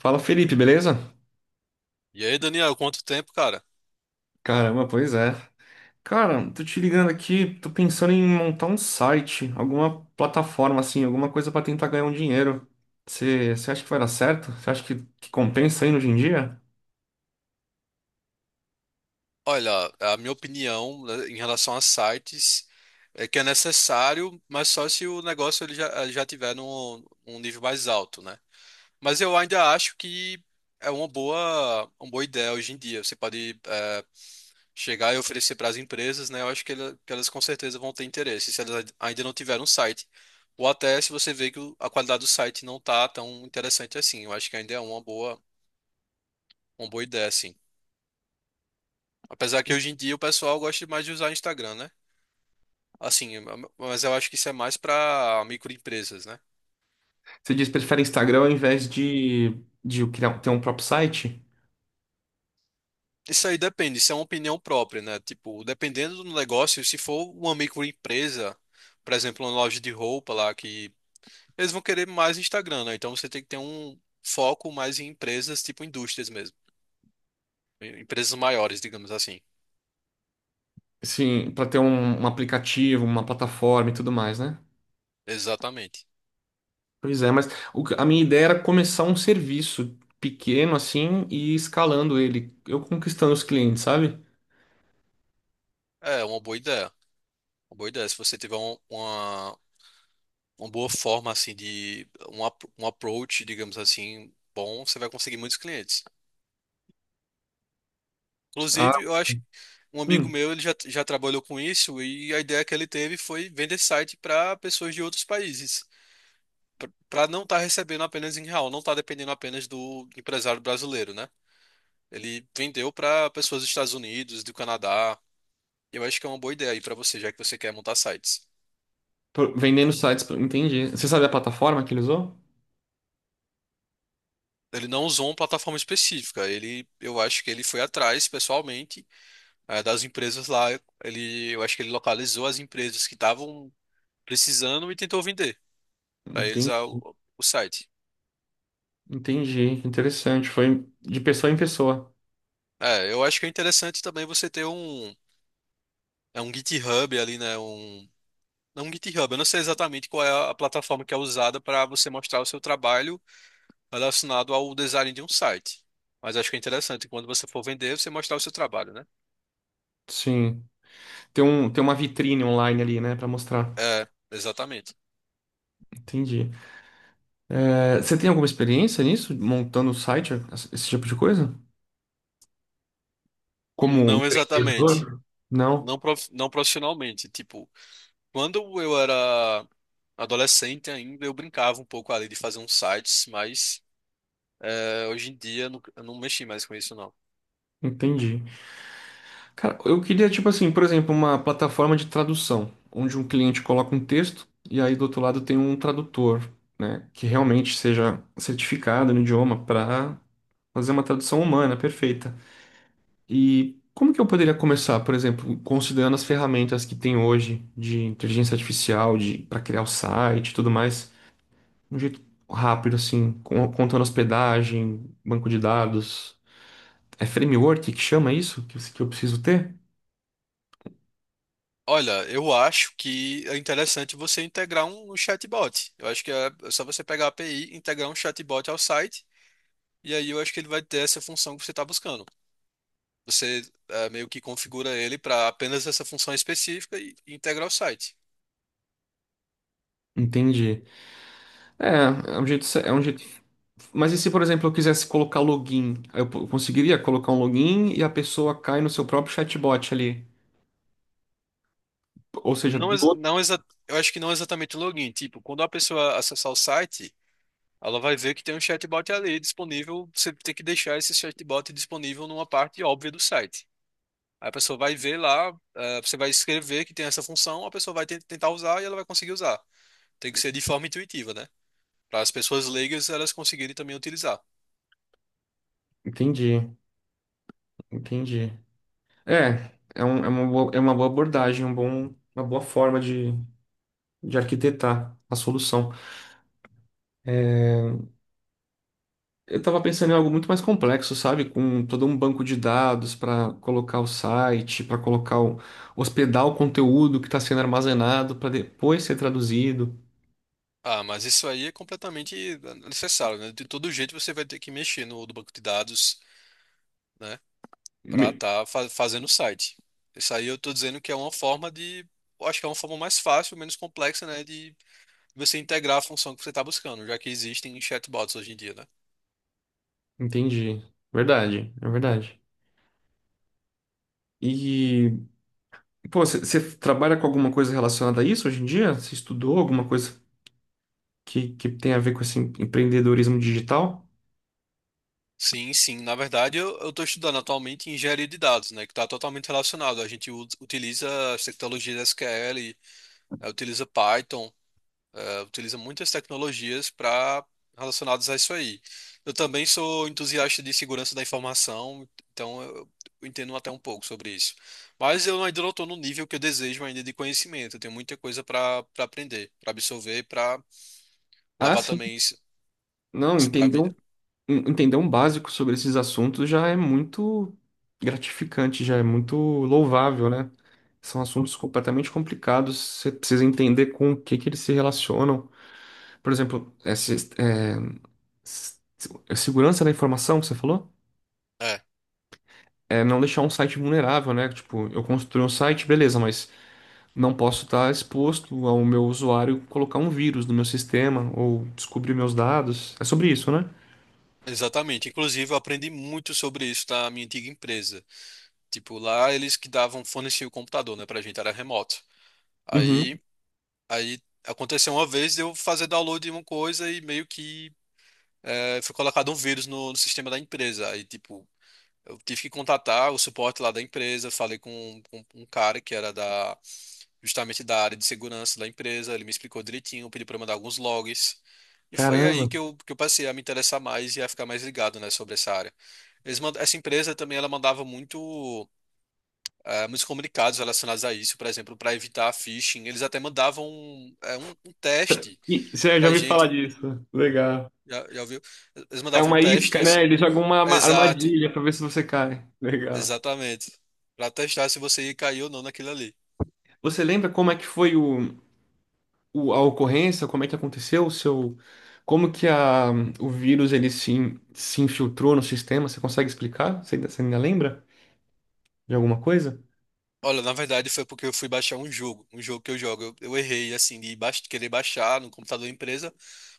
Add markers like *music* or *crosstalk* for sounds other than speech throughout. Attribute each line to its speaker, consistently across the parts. Speaker 1: Fala Felipe, beleza?
Speaker 2: E aí, Daniel, quanto tempo, cara?
Speaker 1: Caramba, pois é. Cara, tô te ligando aqui, tô pensando em montar um site, alguma plataforma assim, alguma coisa pra tentar ganhar um dinheiro. Você acha que vai dar certo? Você acha que compensa aí hoje em dia?
Speaker 2: Olha, a minha opinião, né, em relação a sites é que é necessário, mas só se o negócio ele já tiver num nível mais alto, né? Mas eu ainda acho que é uma boa ideia hoje em dia. Você pode chegar e oferecer para as empresas, né? Eu acho que elas com certeza vão ter interesse, se elas ainda não tiveram um site. Ou até se você vê que a qualidade do site não tá tão interessante assim. Eu acho que ainda é uma boa ideia, assim. Apesar que hoje em dia o pessoal gosta mais de usar Instagram, né? Assim, mas eu acho que isso é mais para microempresas, né?
Speaker 1: Você diz que prefere Instagram ao invés de criar, ter um próprio site?
Speaker 2: Isso aí depende, isso é uma opinião própria, né? Tipo, dependendo do negócio, se for uma microempresa, por exemplo, uma loja de roupa lá, que eles vão querer mais Instagram, né? Então você tem que ter um foco mais em empresas, tipo indústrias mesmo. Empresas maiores, digamos assim.
Speaker 1: Sim, pra ter um aplicativo, uma plataforma e tudo mais, né?
Speaker 2: Exatamente.
Speaker 1: Pois é, mas a minha ideia era começar um serviço pequeno assim e ir escalando ele, eu conquistando os clientes, sabe?
Speaker 2: É, uma boa ideia. Uma boa ideia. Se você tiver uma boa forma assim de um approach, digamos assim, bom, você vai conseguir muitos clientes.
Speaker 1: Ah,
Speaker 2: Inclusive, eu acho que um amigo
Speaker 1: hum.
Speaker 2: meu, ele já trabalhou com isso e a ideia que ele teve foi vender site para pessoas de outros países, para não estar recebendo apenas em real, não estar dependendo apenas do empresário brasileiro, né? Ele vendeu para pessoas dos Estados Unidos, do Canadá. Eu acho que é uma boa ideia aí para você, já que você quer montar sites.
Speaker 1: Vendendo sites, entendi. Você sabe a plataforma que ele usou?
Speaker 2: Ele não usou uma plataforma específica, eu acho que ele foi atrás pessoalmente das empresas lá. Eu acho que ele localizou as empresas que estavam precisando e tentou vender para eles
Speaker 1: Entendi,
Speaker 2: o site.
Speaker 1: entendi. Interessante. Foi de pessoa em pessoa.
Speaker 2: É, eu acho que é interessante também você ter é um GitHub ali, né? Um, não um GitHub, eu não sei exatamente qual é a plataforma que é usada para você mostrar o seu trabalho relacionado ao design de um site. Mas acho que é interessante quando você for vender, você mostrar o seu trabalho, né?
Speaker 1: Sim. Tem tem uma vitrine online ali, né, pra mostrar.
Speaker 2: É, exatamente.
Speaker 1: Entendi. É, você tem alguma experiência nisso, montando site, esse tipo de coisa? Como
Speaker 2: Não exatamente.
Speaker 1: empreendedor? Não,
Speaker 2: Não, não profissionalmente. Tipo, quando eu era adolescente ainda, eu brincava um pouco ali de fazer uns sites, mas hoje em dia eu eu não mexi mais com isso, não.
Speaker 1: entendi. Cara, eu queria, tipo assim, por exemplo, uma plataforma de tradução, onde um cliente coloca um texto e aí do outro lado tem um tradutor, né, que realmente seja certificado no idioma para fazer uma tradução humana, perfeita. E como que eu poderia começar, por exemplo, considerando as ferramentas que tem hoje de inteligência artificial, de para criar o site e tudo mais, de um jeito rápido, assim, contando hospedagem, banco de dados. É framework que chama isso? Que, que eu preciso ter?
Speaker 2: Olha, eu acho que é interessante você integrar um chatbot. Eu acho que é só você pegar a API, e integrar um chatbot ao site, e aí eu acho que ele vai ter essa função que você está buscando. Você meio que configura ele para apenas essa função específica e integra o site.
Speaker 1: Entendi. É, é um jeito, é um jeito. Mas e se, por exemplo, eu quisesse colocar login? Conseguiria colocar um login e a pessoa cai no seu próprio chatbot ali. Ou seja,
Speaker 2: Não,
Speaker 1: do...
Speaker 2: eu acho que não é exatamente o login. Tipo, quando a pessoa acessar o site. Ela vai ver que tem um chatbot ali disponível. Você tem que deixar esse chatbot disponível numa parte óbvia do site. Aí a pessoa vai ver lá, você vai escrever que tem essa função, a pessoa vai tentar usar e ela vai conseguir usar. Tem que ser de forma intuitiva, né? Para as pessoas leigas elas conseguirem também utilizar.
Speaker 1: Entendi, entendi. É uma boa, é uma boa abordagem, uma boa forma de arquitetar a solução. Eu estava pensando em algo muito mais complexo, sabe? Com todo um banco de dados para colocar o site, para colocar o, hospedar o conteúdo que está sendo armazenado para depois ser traduzido.
Speaker 2: Ah, mas isso aí é completamente necessário, né? De todo jeito você vai ter que mexer no banco de dados, né? Para
Speaker 1: Me-
Speaker 2: estar fazendo o site. Isso aí eu tô dizendo que é uma forma de, eu acho que é uma forma mais fácil, menos complexa, né, de você integrar a função que você está buscando, já que existem chatbots hoje em dia, né?
Speaker 1: entendi. Verdade, é verdade. E, pô, você trabalha com alguma coisa relacionada a isso hoje em dia? Você estudou alguma coisa que tem a ver com esse empreendedorismo digital?
Speaker 2: Sim, sim. Na verdade, eu estou estudando atualmente engenharia de dados, né, que está totalmente relacionado. A gente utiliza as tecnologias SQL, utiliza Python, utiliza muitas tecnologias para relacionadas a isso aí. Eu também sou entusiasta de segurança da informação, então eu entendo até um pouco sobre isso. Mas eu ainda não estou no nível que eu desejo ainda de conhecimento. Eu tenho muita coisa para aprender, para absorver, para
Speaker 1: Ah,
Speaker 2: levar
Speaker 1: sim.
Speaker 2: também
Speaker 1: Não,
Speaker 2: isso para a
Speaker 1: entendeu,
Speaker 2: vida.
Speaker 1: entender um básico sobre esses assuntos já é muito gratificante, já é muito louvável, né? São assuntos completamente complicados, você precisa entender com o que que eles se relacionam. Por exemplo, essa, é, s- segurança da informação que você falou?
Speaker 2: É,
Speaker 1: É não deixar um site vulnerável, né? Tipo, eu construí um site, beleza, mas não posso estar exposto ao meu usuário colocar um vírus no meu sistema ou descobrir meus dados. É sobre isso, né?
Speaker 2: exatamente. Inclusive, eu aprendi muito sobre isso na minha antiga empresa. Tipo, lá eles que davam forneciam o computador, né, pra gente, era remoto.
Speaker 1: Uhum.
Speaker 2: Aí Aí aconteceu uma vez de eu fazer download de uma coisa e meio que foi colocado um vírus no sistema da empresa. Aí, tipo, eu tive que contatar o suporte lá da empresa, falei com um cara que era da justamente da área de segurança da empresa, ele me explicou direitinho, pediu para mandar alguns logs. E foi aí
Speaker 1: Caramba.
Speaker 2: que eu passei a me interessar mais e a ficar mais ligado, né, sobre essa área. Essa empresa também ela mandava muito muitos comunicados relacionados a isso, por exemplo, para evitar phishing, eles até mandavam um teste
Speaker 1: Você já
Speaker 2: pra
Speaker 1: ouviu falar
Speaker 2: gente.
Speaker 1: disso? Legal.
Speaker 2: Já, já ouviu? Eles
Speaker 1: É
Speaker 2: mandavam um
Speaker 1: uma
Speaker 2: teste e
Speaker 1: isca, né?
Speaker 2: assim.
Speaker 1: Eles jogam uma
Speaker 2: Exato,
Speaker 1: armadilha pra ver se você cai. Legal.
Speaker 2: exatamente. Pra testar se você ia cair ou não naquilo ali.
Speaker 1: Você lembra como é que foi o, a ocorrência? Como é que aconteceu o seu, como que a, o vírus ele se, se infiltrou no sistema? Você consegue explicar? Você ainda lembra de alguma coisa?
Speaker 2: Olha, na verdade foi porque eu fui baixar um jogo que eu jogo. Eu errei, assim, de querer baixar no computador da empresa,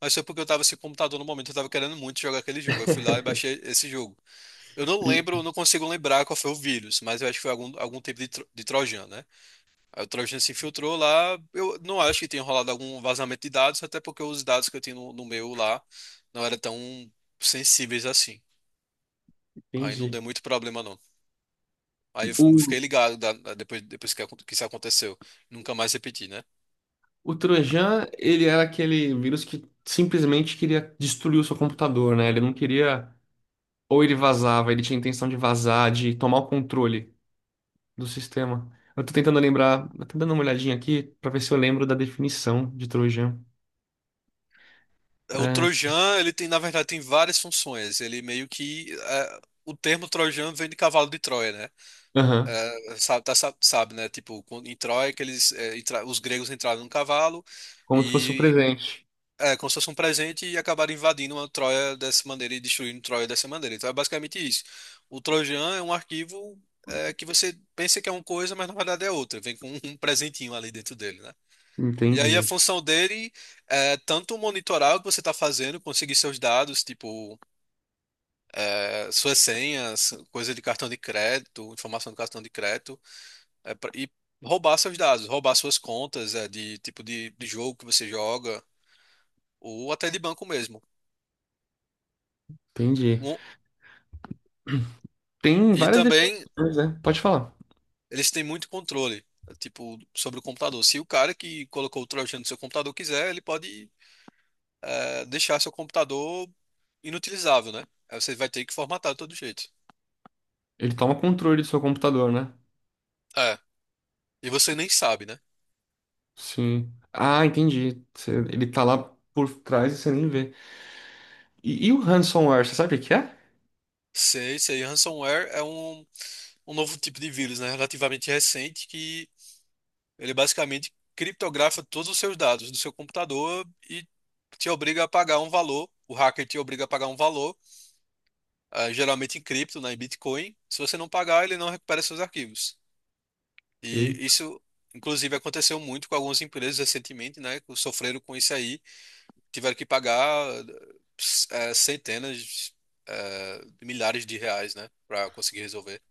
Speaker 2: mas foi porque eu tava sem computador no momento, eu tava querendo muito jogar aquele jogo. Eu fui lá e baixei esse jogo. Eu não
Speaker 1: Sim.
Speaker 2: lembro, não consigo lembrar qual foi o vírus, mas eu acho que foi algum, algum tipo de trojan, né? Aí o Trojan se infiltrou lá. Eu não acho que tenha rolado algum vazamento de dados, até porque os dados que eu tinha no meu lá não eram tão sensíveis assim. Aí não
Speaker 1: Entendi.
Speaker 2: deu muito problema, não. Aí eu
Speaker 1: O,
Speaker 2: fiquei ligado depois que, que isso aconteceu. Nunca mais repeti, né?
Speaker 1: o Trojan, ele era aquele vírus que simplesmente queria destruir o seu computador, né? Ele não queria ou ele vazava, ele tinha intenção de vazar, de tomar o controle do sistema. Eu tô tentando lembrar, eu tô dando uma olhadinha aqui pra ver se eu lembro da definição de Trojan.
Speaker 2: É, o
Speaker 1: É,
Speaker 2: Trojan, ele tem, na verdade, tem várias funções. Ele meio que. É, o termo Trojan vem de cavalo de Troia, né?
Speaker 1: aham,
Speaker 2: É, sabe, né? Tipo, em Troia, que eles, os gregos entraram num cavalo.
Speaker 1: como se fosse o presente.
Speaker 2: É, como se fosse um presente e acabaram invadindo uma Troia dessa maneira e destruindo Troia dessa maneira. Então é basicamente isso. O Trojan é um arquivo que você pensa que é uma coisa, mas na verdade é outra. Vem com um *laughs* presentinho ali dentro dele, né? E aí a
Speaker 1: Entendi,
Speaker 2: função dele é tanto monitorar o que você está fazendo, conseguir seus dados, tipo suas senhas, coisa de cartão de crédito, informação do cartão de crédito, é, pra- e roubar seus dados, roubar suas contas de tipo de jogo que você joga, ou até de banco mesmo.
Speaker 1: entendi.
Speaker 2: Um-
Speaker 1: Tem várias
Speaker 2: também
Speaker 1: definições, né? Pode falar.
Speaker 2: eles têm muito controle, tipo, sobre o computador. Se o cara que colocou o Trojan no seu computador quiser, ele pode deixar seu computador inutilizável, né? Aí você vai ter que formatar de todo jeito.
Speaker 1: Ele toma controle do seu computador, né?
Speaker 2: É, e você nem sabe, né?
Speaker 1: Sim. Ah, entendi. Ele tá lá por trás e você nem vê. E, o ransomware, você sabe o que é?
Speaker 2: Sei, sei, ransomware é um novo tipo de vírus, né? Relativamente recente, que ele basicamente criptografa todos os seus dados do seu computador e te obriga a pagar um valor. O hacker te obriga a pagar um valor, geralmente em cripto, né, em Bitcoin. Se você não pagar, ele não recupera seus arquivos. E
Speaker 1: Eita,
Speaker 2: isso, inclusive, aconteceu muito com algumas empresas recentemente, né? Que sofreram com isso aí, tiveram que pagar centenas, de milhares de reais, né? Para conseguir resolver.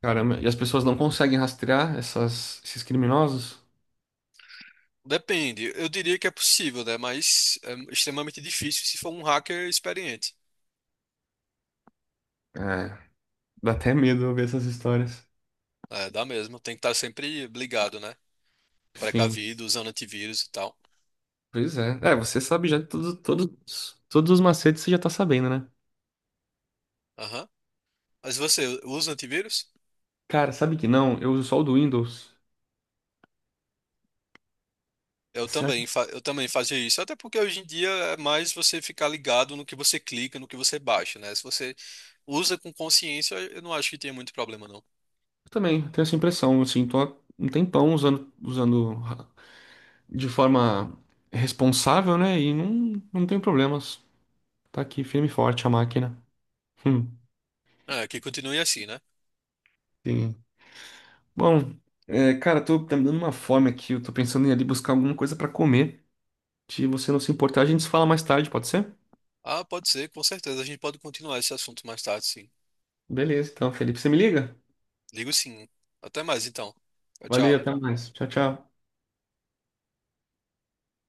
Speaker 1: caramba. E as pessoas não conseguem rastrear essas, esses criminosos?
Speaker 2: Depende, eu diria que é possível, né? Mas é extremamente difícil se for um hacker experiente.
Speaker 1: É, dá até medo ouvir essas histórias.
Speaker 2: É, dá mesmo, tem que estar sempre ligado, né?
Speaker 1: Sim.
Speaker 2: Precavido, usando antivírus e tal.
Speaker 1: Pois é. É, você sabe já todos os macetes, você já tá sabendo, né?
Speaker 2: Aham. Mas você usa antivírus?
Speaker 1: Cara, sabe que não? Eu uso só o do Windows.
Speaker 2: Eu
Speaker 1: Certo?
Speaker 2: também, eu também fazia isso, até porque hoje em dia é mais você ficar ligado no que você clica, no que você baixa, né? Se você usa com consciência, eu não acho que tenha muito problema, não.
Speaker 1: Eu também tenho essa impressão, assim, tô há um tempão usando, usando de forma responsável, né? E não, não tenho problemas. Tá aqui firme e forte a máquina. Hum,
Speaker 2: É, que continue assim, né?
Speaker 1: sim. Bom, é, cara, tô, tá me dando uma fome aqui. Eu tô pensando em ir ali buscar alguma coisa pra comer. Se você não se importar, a gente se fala mais tarde, pode ser?
Speaker 2: Ah, pode ser, com certeza. A gente pode continuar esse assunto mais tarde, sim.
Speaker 1: Beleza, então, Felipe, você me liga?
Speaker 2: Ligo sim. Até mais, então. Tchau,
Speaker 1: Valeu,
Speaker 2: tchau.
Speaker 1: até mais. Tchau, tchau.